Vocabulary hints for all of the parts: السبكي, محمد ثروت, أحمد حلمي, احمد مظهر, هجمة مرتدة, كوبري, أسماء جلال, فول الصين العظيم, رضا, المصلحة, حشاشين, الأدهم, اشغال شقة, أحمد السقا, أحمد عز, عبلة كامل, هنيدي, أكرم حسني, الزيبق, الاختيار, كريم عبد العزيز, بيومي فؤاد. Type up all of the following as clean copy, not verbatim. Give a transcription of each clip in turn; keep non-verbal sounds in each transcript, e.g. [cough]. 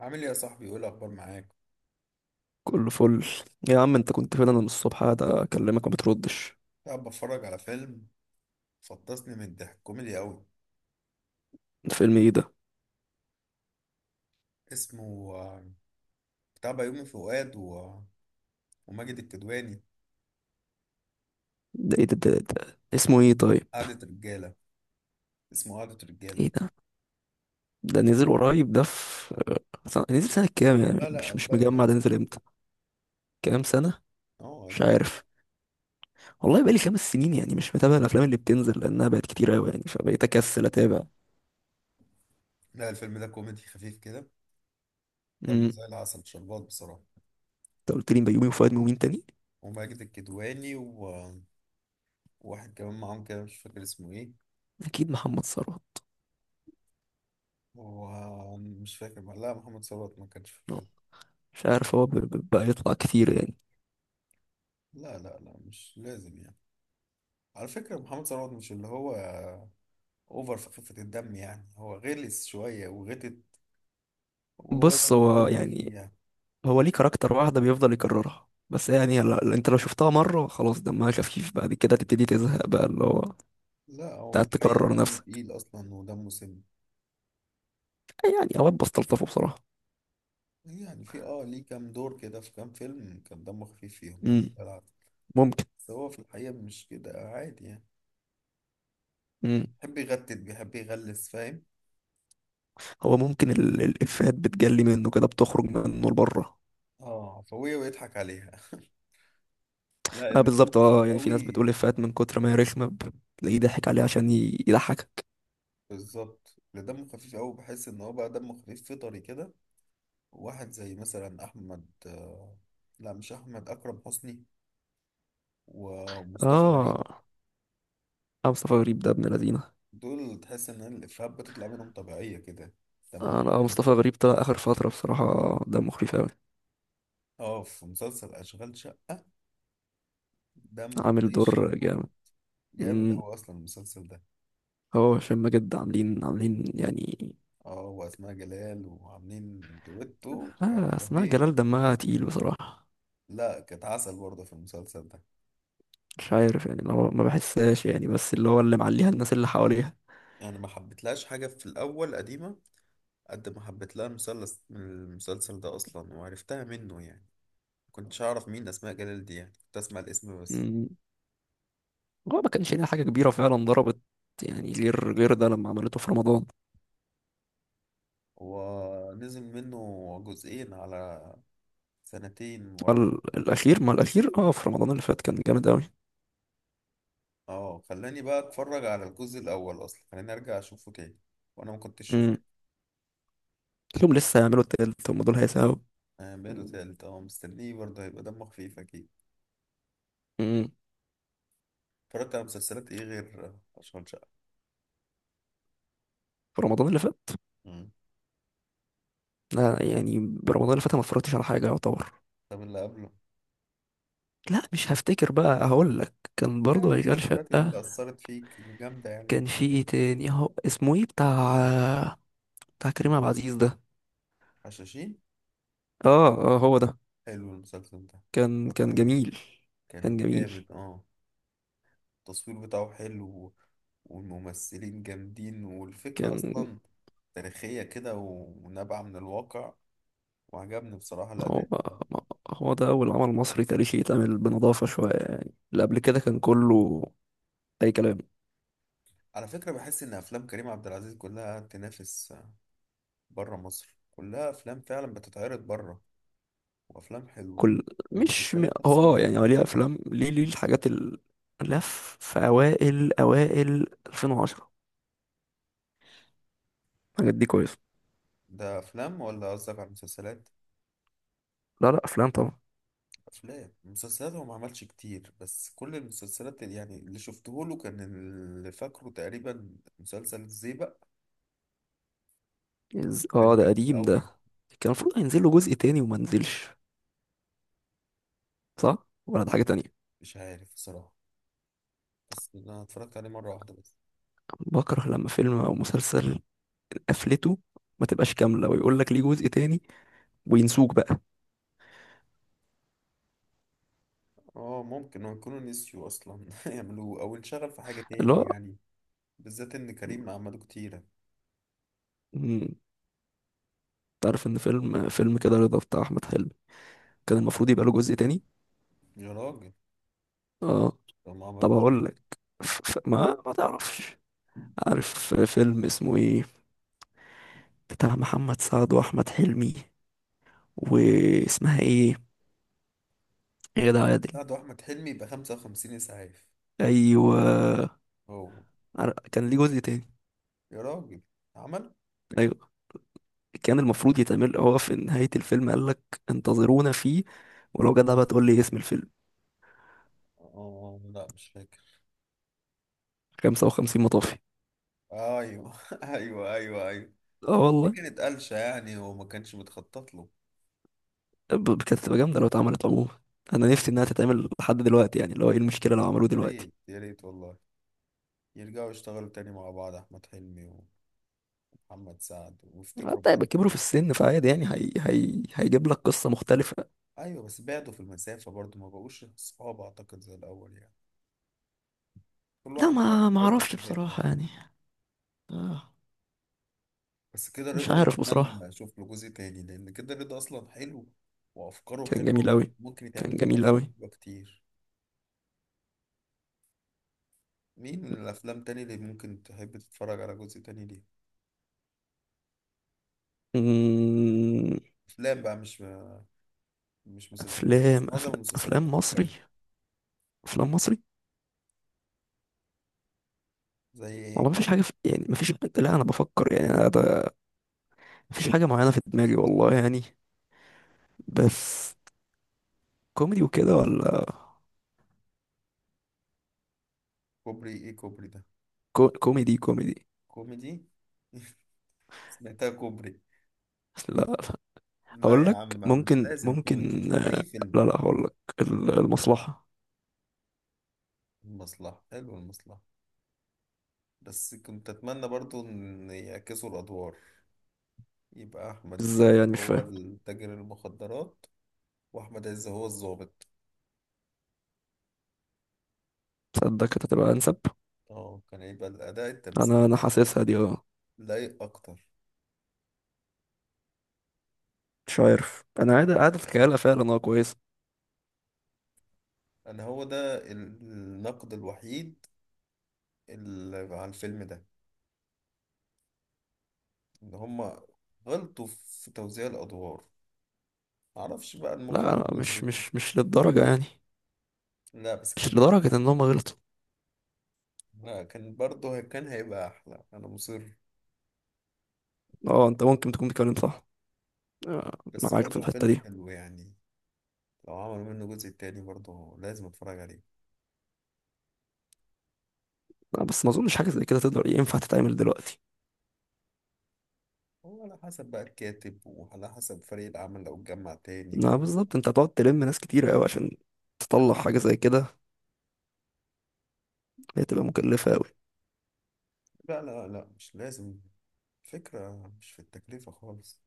عامل ايه يا صاحبي؟ ايه الاخبار معاك؟ كله فل. يا عم انت كنت فين؟ انا من الصبح قاعد اكلمك ما بتردش. قاعد بتفرج على فيلم. فطسني من الضحك، كوميدي قوي. الفيلم ايه ده؟ اسمه بتاع بيومي فؤاد وماجد الكدواني. ده ايه ده اسمه ايه طيب؟ قعدة رجالة، اسمه قعدة رجالة. ايه ده؟ ده نزل قريب، ده في نزل سنة كام لا يعني؟ مش لا، مش بقاله مجمع، كام ده نزل سنة. امتى؟ كام سنة؟ اه مش قديم. عارف. والله بقالي 5 سنين، يعني مش متابع الافلام اللي بتنزل لانها بقت كتير قوي، يعني فبقيت اكسل اتابع. لا الفيلم ده كوميدي خفيف كده، دمه امم زي العسل شربات بصراحة. انت قلت لي بيومي وفؤاد ومين تاني؟ وماجد الكدواني وواحد كمان معاهم كده مش فاكر اسمه ايه. اكيد محمد ثروت. ومش فاكر، لا محمد ثروت ما كانش في اه، الفيلم. مش عارف هو بقى يطلع كتير يعني. لا لا لا، مش لازم يعني. على فكرة محمد ثروت مش اللي هو اوفر في خفة الدم، يعني هو غلس شوية وغتت، وهو ده بص هو الكوميدي فيه يعني، يعني. هو ليه كاركتر واحدة بيفضل يكررها بس يعني، لا، انت لو شفتها مرة خلاص دمها خفيف، بعد كده تبتدي تزهق بقى اللي هو لا هو في تقعد الحقيقة تكرر دمه نفسك. تقيل أصلا ودمه سم. يعني اوقات بستلطفه بصراحة. يعني في اه ليه كام دور كده، في كام فيلم كان دمه خفيف فيهم، دمه امم جدع. ممكن. بس هو في الحقيقة مش كده عادي يعني. امم بيحب يغتت، بيحب يغلس، فاهم؟ هو ممكن الافيهات بتجلي منه كده، بتخرج منه لبره. اه عفوية ويضحك عليها. [laughs] لا اه اللي دمه بالظبط، خفيف اه يعني في ناس قوي، بتقول افيهات من كتر ما هي رخمة تلاقيه ضحك عليها عشان يضحكك. بالظبط اللي دمه خفيف قوي، بحس ان هو بقى دمه خفيف فطري كده. واحد زي مثلا احمد، لا مش احمد، اكرم حسني ومصطفى غريب. اه. اه مصطفى غريب ده ابن لذينه. دول تحس ان الافيهات بتطلع منهم طبيعيه كده، اه دمهم لا، حلو. مصطفى غريب طلع اخر فترة بصراحة، ده مخيف اوي. اه في مسلسل اشغال شقه، دمه عامل زي دور الشربور. جامد. جامد امم اوي اصلا المسلسل ده. هو هشام ماجد عاملين عاملين يعني. اه واسماء جلال، وعاملين دويتو لا، يعني اسمها رهيب. جلال دمها تقيل بصراحة. لا كانت عسل برضه في المسلسل ده. مش عارف يعني، اللي هو ما بحسهاش يعني، بس اللي هو اللي معليها الناس اللي حواليها. يعني ما حبيتلهاش حاجه في الاول قديمه، قد ما حبيت لها المسلسل من المسلسل ده اصلا وعرفتها منه يعني. كنتش اعرف مين اسماء جلال دي يعني، كنت اسمع الاسم بس. مم. هو ما كانش ليها حاجة كبيرة فعلا ضربت، يعني غير ده لما عملته في رمضان. ونزل منه جزئين على سنتين ورا بعض. ال- الأخير ما الأخير، في رمضان اللي فات كان جامد أوي. اه خلاني بقى اتفرج على الجزء الاول اصلا، خلاني ارجع اشوفه تاني وانا ما كنتش مم. شفته. لهم لسه هيعملوا التالت، هم دول هيساووا. آه بقاله تالت، اه مستنيه برضه، هيبقى دمه خفيف اكيد. مم. اتفرجت على مسلسلات ايه غير اشغال شقة؟ في رمضان اللي فات. مم. لا يعني برمضان اللي فات أنا ما اتفرجتش على حاجة يعتبر. طب اللي قبله؟ لا، مش هفتكر، بقى هقول لك كان يعني برضه هيكل المسلسلات اللي شقة. اثرت فيك الجامدة، يعني كان انت في فاكر؟ ايه تاني؟ هو اسمه ايه بتاع كريم عبد العزيز ده؟ حشاشين. اه. اه هو ده. حلو المسلسل ده، كان اتفرجت كان عليه، جميل. كان كان جميل. جامد اه. التصوير بتاعه حلو، والممثلين جامدين، والفكرة كان. اصلا تاريخية كده ونابعة من الواقع، وعجبني بصراحة هو الأداء بتاعه. هو ده أول عمل مصري تاريخي يتعمل بنظافة شوية، يعني اللي قبل كده كان كله أي كلام. على فكرة بحس إن أفلام كريم عبد العزيز كلها تنافس بره مصر، كلها أفلام فعلا بتتعرض بره، وأفلام حلوة. كل. مش م- ومسلسلات نفس هو، يعني هو الموضوع. ليه أفلام، ليه الحاجات لف في أوائل 2010، الحاجات دي كويسة. ده أفلام ولا قصدك على المسلسلات؟ لا لا، أفلام طبعا. أفلام مسلسلات هو ما عملش كتير، بس كل المسلسلات اللي يعني اللي شفته له، كان اللي فاكره تقريبا مسلسل الزيبق. كان ده جامد قديم ده. قوي. كان المفروض هينزل له جزء تاني وما نزلش. صح ولا ده حاجة تانية؟ مش عارف بصراحة، بس أنا اتفرجت عليه مرة واحدة بس. بكره لما فيلم أو مسلسل قفلته، ما تبقاش كاملة ويقول لك ليه جزء تاني وينسوك بقى اه ممكن هو يكونوا نسيوا أصلا [laughs] يعملوه، أو انشغل في حاجة اللي تاني هو. يعني، بالذات ان كريم عملوه كتيرة. مم، تعرف إن فيلم كده رضا بتاع أحمد حلمي كان المفروض يبقى له جزء تاني. يا راجل، اه، طب ما طب عملوش ليه؟ هقول لك. ف... ما تعرفش، عارف فيلم اسمه ايه، بتاع محمد سعد وأحمد حلمي، واسمها ايه، غادة عادل؟ لا ده احمد حلمي، يبقى 55 اسعاف. أيوه. هو كان ليه جزء تاني. يا راجل عمل. ايوه كان المفروض يتعمل، هو في نهاية الفيلم قال لك انتظرونا فيه، ولو جدع بقى تقول لي اسم الفيلم. اه لا مش فاكر. 55 مطافي. ايوه [laughs] ايوه ايوه ايوه. اه دي والله. كانت قلشة يعني، وما كانش متخطط له. كانت تبقى جامدة لو اتعملت عموما. انا نفسي انها تتعمل لحد دلوقتي، يعني اللي هو ايه المشكلة لو عملوه يا دلوقتي؟ ريت يا ريت والله، يرجعوا يشتغلوا تاني مع بعض، احمد حلمي ومحمد سعد، ويفتكروا حتى يبقى بعض كده كبروا في بس السن اعتقد. فعادي يعني، هيجيب لك قصة مختلفة. ايوه بس بعدوا في المسافة برضو، ما بقوش صحاب اعتقد زي الاول يعني، كل لا، واحد بقى ما كوكب اعرفش في حتة بصراحة يعني. يعني. آه، بس كده مش رضا، عارف بصراحة. نتمنى اشوف له جزء تاني، لان كده رضا اصلا حلو وافكاره كان جميل حلوه، قوي. ممكن يتعمل كان منه جميل افكار قوي. حلوه كتير. مين من الافلام تاني اللي ممكن تحب تتفرج على جزء تاني ليه؟ أمم، افلام بقى، مش مسلسلات افلام بس معظم المسلسلات افلام مصري. بتتكرر. افلام مصري. زي ايه؟ والله مفيش حاجة يعني مفيش حاجة، لا أنا بفكر يعني، أنا مفيش حاجة معينة في دماغي والله يعني. بس كوميدي وكده ولا؟ كوبري ايه كوبري ده؟ كوميدي كوميدي. كوميدي. [laughs] سمعتها كوبري. لا لا. لا أقول يا لك. عم مش ممكن لازم كوميدي، ممكن. اي آه، فيلم. لا لا، هقول لك. المصلحة. المصلحه، حلو المصلحه. بس كنت اتمنى برضو ان يعكسوا الادوار، يبقى أحمد إزاي السقا يعني؟ مش هو فاهم. التاجر المخدرات، وأحمد عز هو الضابط. تصدق كانت هتبقى أنسب. اه كان هيبقى الأداء التمثيلي أنا أصلاً حاسسها دي، أه. لايق أكتر. مش عارف، أنا قاعد أتخيلها فعلا، أه كويسة. أنا هو ده النقد الوحيد اللي على الفيلم ده، إن هما غلطوا في توزيع الأدوار، معرفش بقى لا المخرج لا، مش نظرته. مش مش للدرجة يعني. لا بس مش كان هيبقى، لدرجة إن هم غلطوا. لا كان برضه كان هيبقى أحلى، أنا مصر. أه أنت ممكن تكون بتتكلم صح. آه، بس معاك في برضه الحتة فيلم دي. حلو يعني، لو عملوا منه جزء تاني برضه لازم أتفرج عليه. آه، بس ما اظنش حاجه زي كده تقدر ينفع تتعمل دلوقتي. هو على حسب بقى الكاتب، وعلى حسب فريق العمل لو اتجمع تاني آه، بالظبط. انت هتقعد تلم ناس كتيره قوي عشان تطلع حاجه زي كده، هي تبقى مكلفه قوي. لا لا لا مش لازم، فكرة مش في التكلفة خالص،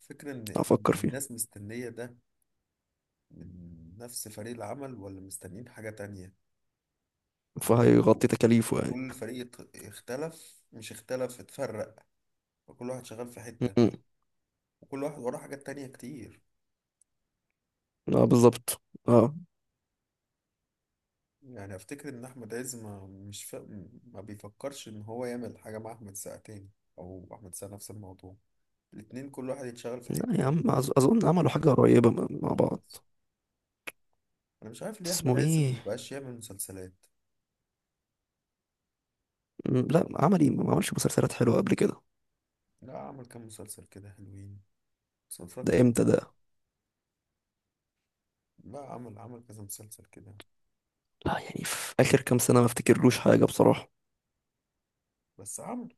فكرة إن افكر فيها. الناس مستنية ده من نفس فريق العمل، ولا مستنيين حاجة تانية. ما هو برضو فهيغطي تكاليفه يعني. كل فريق اختلف، مش اختلف، اتفرق، وكل واحد شغال في حتة، م-م. وكل واحد وراه حاجات تانية كتير. اه بالظبط. اه. يعني أفتكر إن أحمد عز ما مش ما بيفكرش إن هو يعمل حاجة مع أحمد سقا تاني، أو أحمد سقا نفس الموضوع. الاتنين كل واحد يتشغل في حتة لا يا تانية عم، مع اظن عملوا حاجه قريبه مع مع بعض. الناس. أنا مش عارف ليه أحمد اسمه عز ايه؟ مبقاش يعمل مسلسلات. لا عمل ايه؟ ما عملش مسلسلات حلوه قبل كده؟ لا عمل كام مسلسل كده حلوين، بس ده متفرجتش امتى عليهم. ده؟ لا عمل عمل كذا مسلسل كده. لا يعني في اخر كام سنه ما افتكرلوش حاجه بصراحه. بس عمل،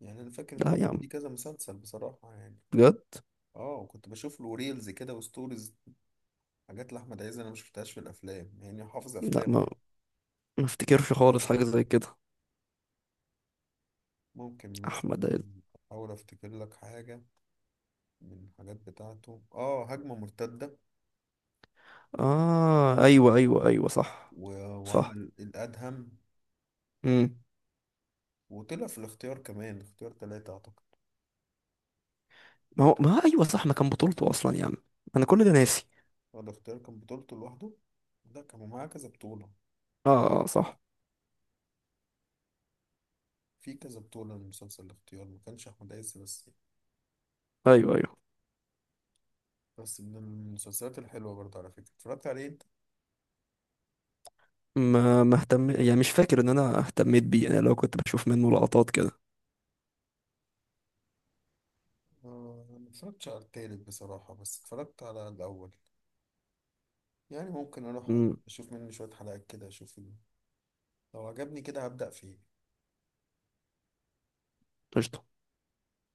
يعني أنا فاكر إن لا هو يا عم، دي كذا مسلسل بصراحة يعني. بجد. اه وكنت بشوف له ريلز كده وستوريز، حاجات لأحمد عز أنا مشفتهاش في الأفلام، يعني حافظ لا، أفلامه ما يعني. ما افتكرش خالص حاجه زي كده. ممكن احمد. مثلا أحاول أفتكر لك حاجة من الحاجات بتاعته. اه هجمة مرتدة اه ايوه ايوه ايوه صح. و... صح. وعمل الأدهم، امم وطلع في الاختيار كمان، اختيار تلاتة أعتقد. ما هو ايوه صح، ما كان بطولته اصلا يا عم. انا كل ده ناسي. هو الاختيار كان بطولته لوحده؟ لا كان معاه كذا بطولة، اه اه آه، صح. في كذا بطولة لمسلسل الاختيار، ما كانش أحمد عز بس يعني. ايوه ايوه. بس من المسلسلات الحلوة برضه، على فكرة اتفرجت عليه أنت؟ ما اهتم يعني، مش فاكر ان انا اهتميت بيه، انا لو كنت بشوف منه لقطات كده. آه، ما اتفرجتش على التالت بصراحة، بس اتفرجت على الأول. يعني ممكن أروح امم أشوف منه شوية حلقات كده، أشوف لو عجبني كده هبدأ فيه. قشطة.